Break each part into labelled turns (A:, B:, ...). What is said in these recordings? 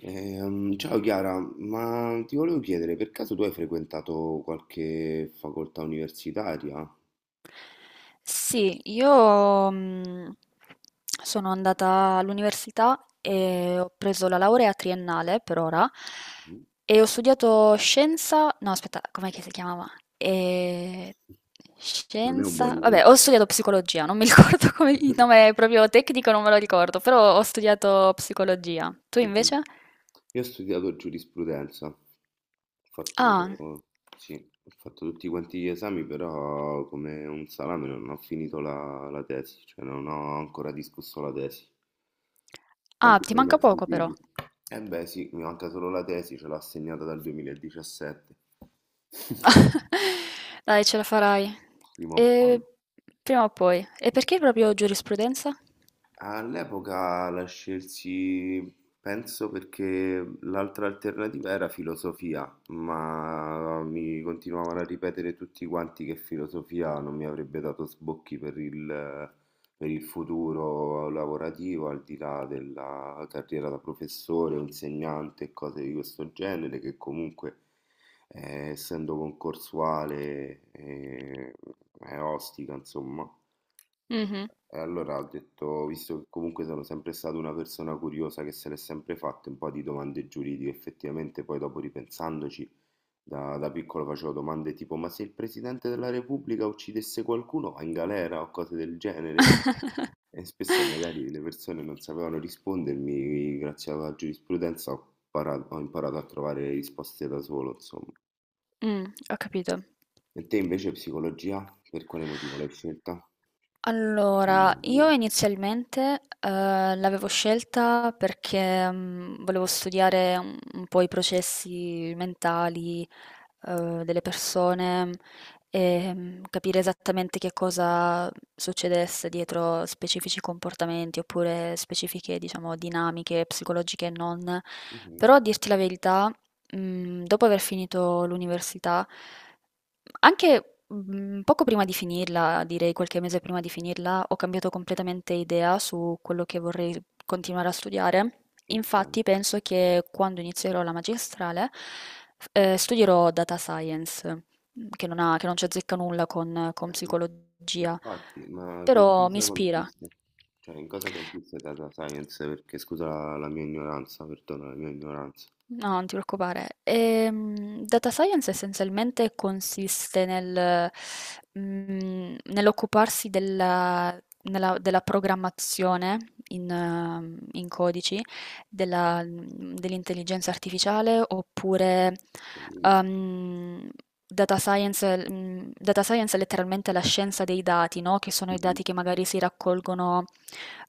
A: Ciao Chiara, ma ti volevo chiedere, per caso tu hai frequentato qualche facoltà universitaria?
B: Sì, io sono andata all'università e ho preso la laurea triennale per ora e ho studiato scienza, no aspetta, com'è che si chiamava? Eh,
A: Non è un buon
B: Scienza, vabbè, ho
A: inizio.
B: studiato psicologia, non mi ricordo come il nome proprio tecnico, non me lo ricordo, però ho studiato psicologia. Tu invece?
A: Io ho studiato giurisprudenza, ho
B: Ah,
A: fatto, sì, ho fatto tutti quanti gli esami, però come un salame non ho finito la tesi, cioè non ho ancora discusso la tesi.
B: ah,
A: Quanti
B: ti
A: ne hai mai
B: manca poco però.
A: sentiti? Eh beh sì, mi manca solo la tesi, ce l'ho assegnata dal 2017,
B: Dai, ce la farai.
A: prima o
B: E
A: poi.
B: prima o poi. E perché proprio giurisprudenza?
A: All'epoca la scelsi, penso perché l'altra alternativa era filosofia, ma mi continuavano a ripetere tutti quanti che filosofia non mi avrebbe dato sbocchi per per il futuro lavorativo, al di là della carriera da professore o insegnante e cose di questo genere, che comunque essendo concorsuale è ostica, insomma.
B: Mh-mh.
A: E allora ho detto, visto che comunque sono sempre stata una persona curiosa che se l'è sempre fatta un po' di domande giuridiche, effettivamente poi dopo ripensandoci, da piccolo facevo domande tipo, ma se il Presidente della Repubblica uccidesse qualcuno va in galera o cose del genere? E spesso magari le persone non sapevano rispondermi, grazie alla giurisprudenza ho imparato a trovare risposte da solo, insomma.
B: Mh, ho capito.
A: E te invece psicologia, per quale motivo l'hai scelta? Per quale
B: Allora, io
A: motivo?
B: inizialmente, l'avevo scelta perché, volevo studiare un po' i processi mentali, delle persone, capire esattamente che cosa succedesse dietro specifici comportamenti oppure specifiche, diciamo, dinamiche psicologiche e non.
A: Mhm,
B: Però a dirti la verità, dopo aver finito l'università anche, poco prima di finirla, direi qualche mese prima di finirla, ho cambiato completamente idea su quello che vorrei continuare a studiare.
A: ok.
B: Infatti penso che quando inizierò la magistrale, f studierò data science, che non c'azzecca nulla con
A: Eh,
B: psicologia,
A: infatti, ma in
B: però mi
A: cosa
B: ispira.
A: consiste? Cioè, in cosa consiste data science? Perché scusa la mia ignoranza, perdona la mia ignoranza.
B: No, non ti preoccupare. Data science essenzialmente consiste nel, nell'occuparsi della, della programmazione in codici dell'intelligenza artificiale oppure
A: Mhm.
B: ehm, data science è letteralmente la scienza dei dati, no? Che sono i dati che magari si raccolgono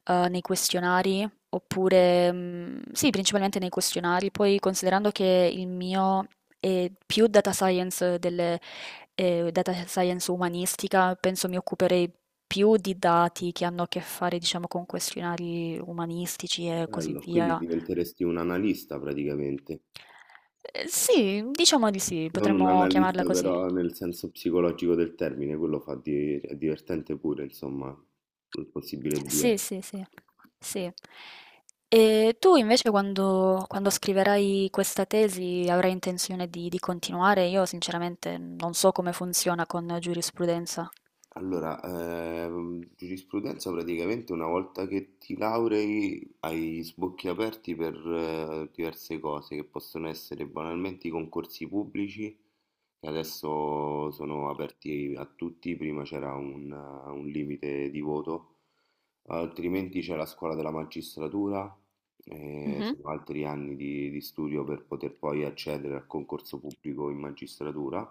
B: nei questionari. Oppure, mm, sì, principalmente nei questionari. Poi, considerando che il mio è più data science umanistica, penso mi occuperei più di dati che hanno a che fare, diciamo, con questionari umanistici e così
A: Bello, quindi
B: via.
A: diventeresti un analista praticamente.
B: Sì, diciamo di sì,
A: Non un
B: potremmo chiamarla
A: analista
B: così.
A: però nel senso psicologico del termine, quello fa è divertente pure, insomma, il possibile via.
B: Sì, sì, sì, sì. E tu invece quando, quando scriverai questa tesi avrai intenzione di continuare? Io sinceramente non so come funziona con giurisprudenza.
A: Allora, giurisprudenza praticamente una volta che ti laurei hai sbocchi aperti per diverse cose che possono essere banalmente i concorsi pubblici, che adesso sono aperti a tutti, prima c'era un limite di voto, altrimenti c'è la scuola della magistratura.
B: Mhm,
A: Sono altri anni di studio per poter poi accedere al concorso pubblico in magistratura,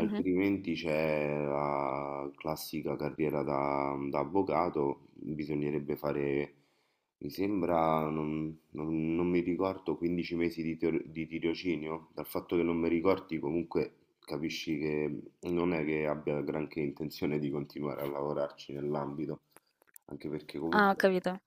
B: mhm.
A: c'è la classica carriera da avvocato, bisognerebbe fare, mi sembra, non mi ricordo, 15 mesi di di tirocinio. Dal fatto che non mi ricordi comunque capisci che non è che abbia granché intenzione di continuare a lavorarci nell'ambito, anche perché
B: Ah, ho
A: comunque
B: capito.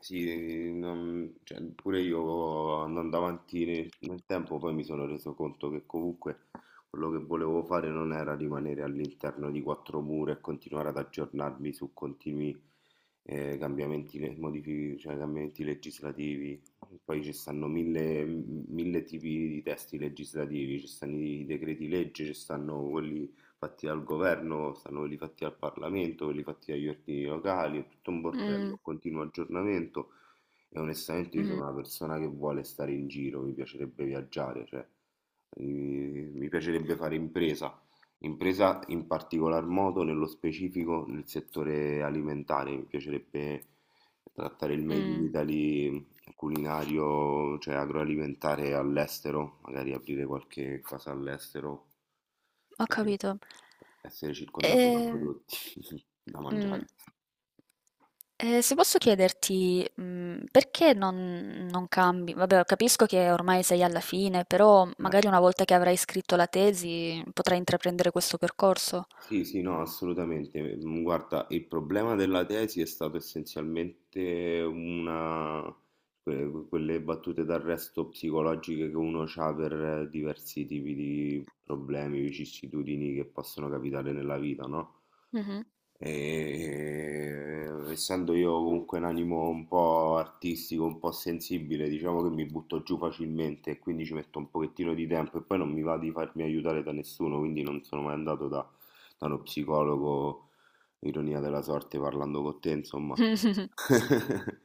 A: sì, cioè, pure io andando avanti nel tempo poi mi sono reso conto che comunque quello che volevo fare non era rimanere all'interno di quattro mura e continuare ad aggiornarmi su continui cambiamenti, cioè, cambiamenti legislativi. Poi ci stanno mille tipi di testi legislativi, ci stanno i decreti legge, ci stanno quelli fatti dal governo, stanno quelli fatti al Parlamento, quelli fatti dagli ordini locali, è tutto un
B: Mm,
A: bordello, continuo aggiornamento e onestamente io
B: mhm,
A: sono una persona che vuole stare in giro, mi piacerebbe viaggiare, cioè mi piacerebbe fare impresa, impresa in particolar modo nello specifico nel settore alimentare, mi piacerebbe trattare il Made in
B: mm.
A: Italy culinario, cioè agroalimentare all'estero, magari aprire qualche casa all'estero
B: Ho
A: e
B: capito.
A: essere circondato da
B: Ehm,
A: prodotti da
B: mh,
A: mangiare.
B: se posso chiederti, perché non cambi? Vabbè, capisco che ormai sei alla fine, però
A: Eh,
B: magari una volta che avrai scritto la tesi potrai intraprendere questo percorso.
A: sì, no, assolutamente. Mm, guarda, il problema della tesi è stato essenzialmente una... quelle battute d'arresto psicologiche che uno ha per diversi tipi di problemi, vicissitudini che possono capitare nella vita, no?
B: Mhm.
A: E, essendo io comunque un animo un po' artistico, un po' sensibile, diciamo che mi butto giù facilmente e quindi ci metto un pochettino di tempo e poi non mi va di farmi aiutare da nessuno, quindi non sono mai andato da uno psicologo, ironia della sorte, parlando con te, insomma.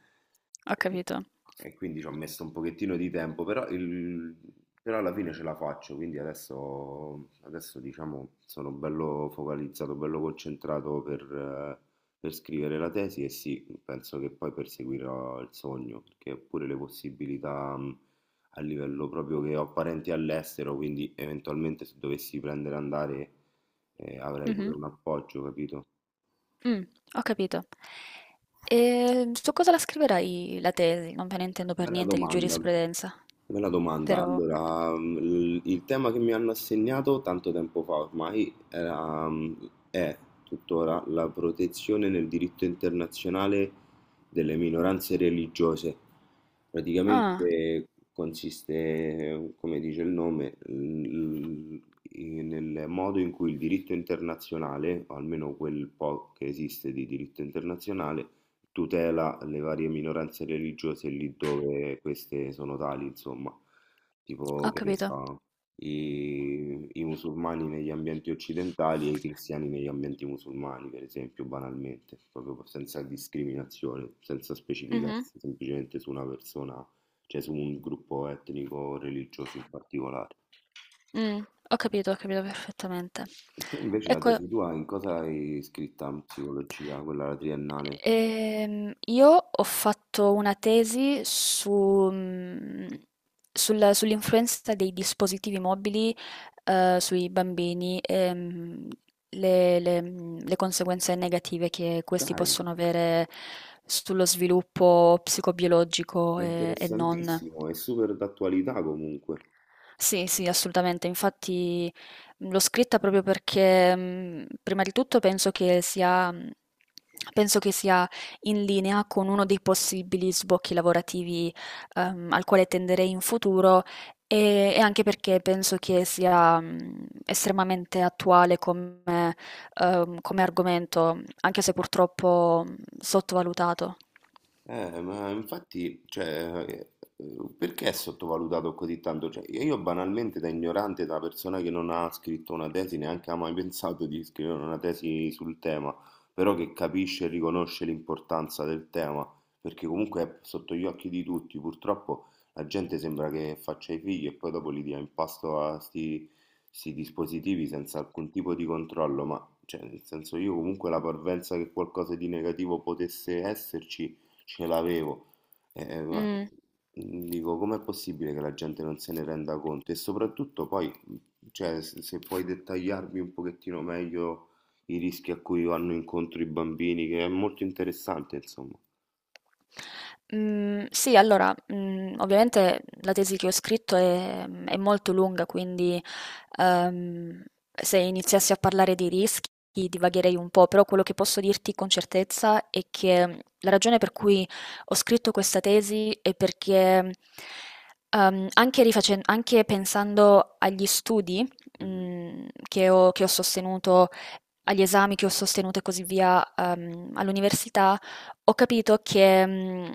B: Ho capito.
A: E quindi ci ho messo un pochettino di tempo, però, però alla fine ce la faccio, quindi adesso, diciamo sono bello focalizzato, bello concentrato eh, per scrivere la tesi e sì, penso che poi perseguirò il sogno, perché pure le possibilità a livello proprio che ho parenti all'estero, quindi eventualmente se dovessi prendere e andare avrai pure
B: Mhm.
A: un appoggio, capito?
B: Mm, ho capito. E su cosa la scriverai la tesi? Non me ne intendo per
A: Bella
B: niente di
A: domanda,
B: giurisprudenza,
A: bella domanda.
B: però...
A: Allora, mm, il tema che mi hanno assegnato tanto tempo fa ormai era, mm, è tuttora la protezione nel diritto internazionale delle minoranze religiose.
B: Ah,
A: Praticamente consiste, come dice il nome, nel modo in cui il diritto internazionale, o almeno quel po' che esiste di diritto internazionale, tutela le varie minoranze religiose lì dove queste sono tali, insomma, tipo
B: ho
A: che ne
B: capito.
A: so, i musulmani negli ambienti occidentali e i cristiani negli ambienti musulmani, per esempio, banalmente, proprio senza discriminazione, senza
B: Mh-mh.
A: specificarsi semplicemente su una persona, cioè su un gruppo etnico o religioso in particolare.
B: Mh, ho capito perfettamente.
A: Te invece la
B: Ecco,
A: tesi tua in cosa hai scritta in psicologia, quella triennale?
B: io ho fatto una tesi su mhmm, sull'influenza dei dispositivi mobili, sui bambini e, mhmm, le mhmm, le conseguenze negative che questi
A: Dai!
B: possono avere sullo sviluppo psicobiologico
A: Ma è
B: e non.
A: interessantissimo, è super d'attualità comunque.
B: Sì, sì, assolutamente. Infatti l'ho scritta proprio perché prima di tutto penso che sia in linea con uno dei possibili sbocchi lavorativi al quale tenderei in futuro e anche perché penso che sia estremamente attuale come argomento, anche se purtroppo sottovalutato.
A: Ma infatti, cioè, perché è sottovalutato così tanto? Cioè, io banalmente da ignorante, da persona che non ha scritto una tesi, neanche ha mai pensato di scrivere una tesi sul tema, però che capisce e riconosce l'importanza del tema, perché comunque è sotto gli occhi di tutti. Purtroppo la gente sembra che faccia i figli e poi dopo li dia in pasto a sti dispositivi senza alcun tipo di controllo, ma cioè, nel senso io comunque la parvenza che qualcosa di negativo potesse esserci ce l'avevo. Ma
B: Mm.
A: dico, com'è possibile che la gente non se ne renda conto? E soprattutto poi, cioè, se puoi dettagliarmi un pochettino meglio i rischi a cui vanno incontro i bambini, che è molto interessante, insomma.
B: Mm, sì, allora, ovviamente la tesi che ho scritto è molto lunga, quindi ehm, se iniziassi a parlare di rischi divagherei un po', però quello che posso dirti con certezza è che la ragione per cui ho scritto questa tesi è perché anche, anche pensando agli studi
A: Mhm,
B: che ho sostenuto agli esami che ho sostenuto e così via, all'università, ho capito che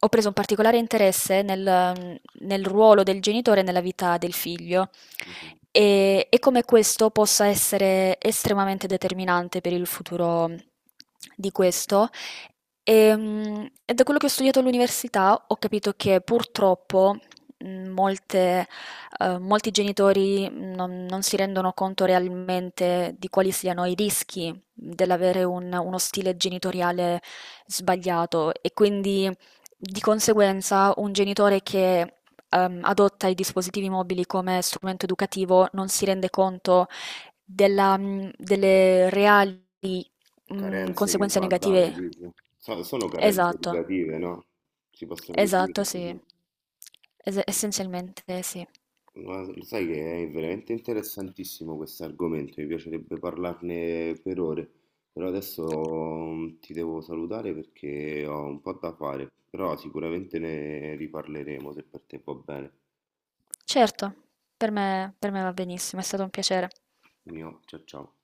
B: ho preso un particolare interesse nel ruolo del genitore nella vita del figlio
A: mhm.
B: e come questo possa essere estremamente determinante per il futuro di questo. E da quello che ho studiato all'università ho capito che purtroppo molte molti genitori non si rendono conto realmente di quali siano i rischi dell'avere uno stile genitoriale sbagliato e quindi di conseguenza un genitore che adotta i dispositivi mobili come strumento educativo non si rende conto delle reali
A: Carenze che
B: conseguenze
A: va a dare,
B: negative.
A: dici? Sono carenze
B: Esatto,
A: educative, no? Si possono
B: esatto,
A: definire
B: sì.
A: così.
B: Es-
A: Eh.
B: essenzialmente sì.
A: Guarda, lo sai che è veramente interessantissimo questo argomento, mi piacerebbe parlarne per ore, però adesso mm, ti devo salutare perché ho un po' da fare, però sicuramente ne riparleremo se per te va bene.
B: Certo, per me va benissimo, è stato un piacere.
A: Mio, ciao ciao.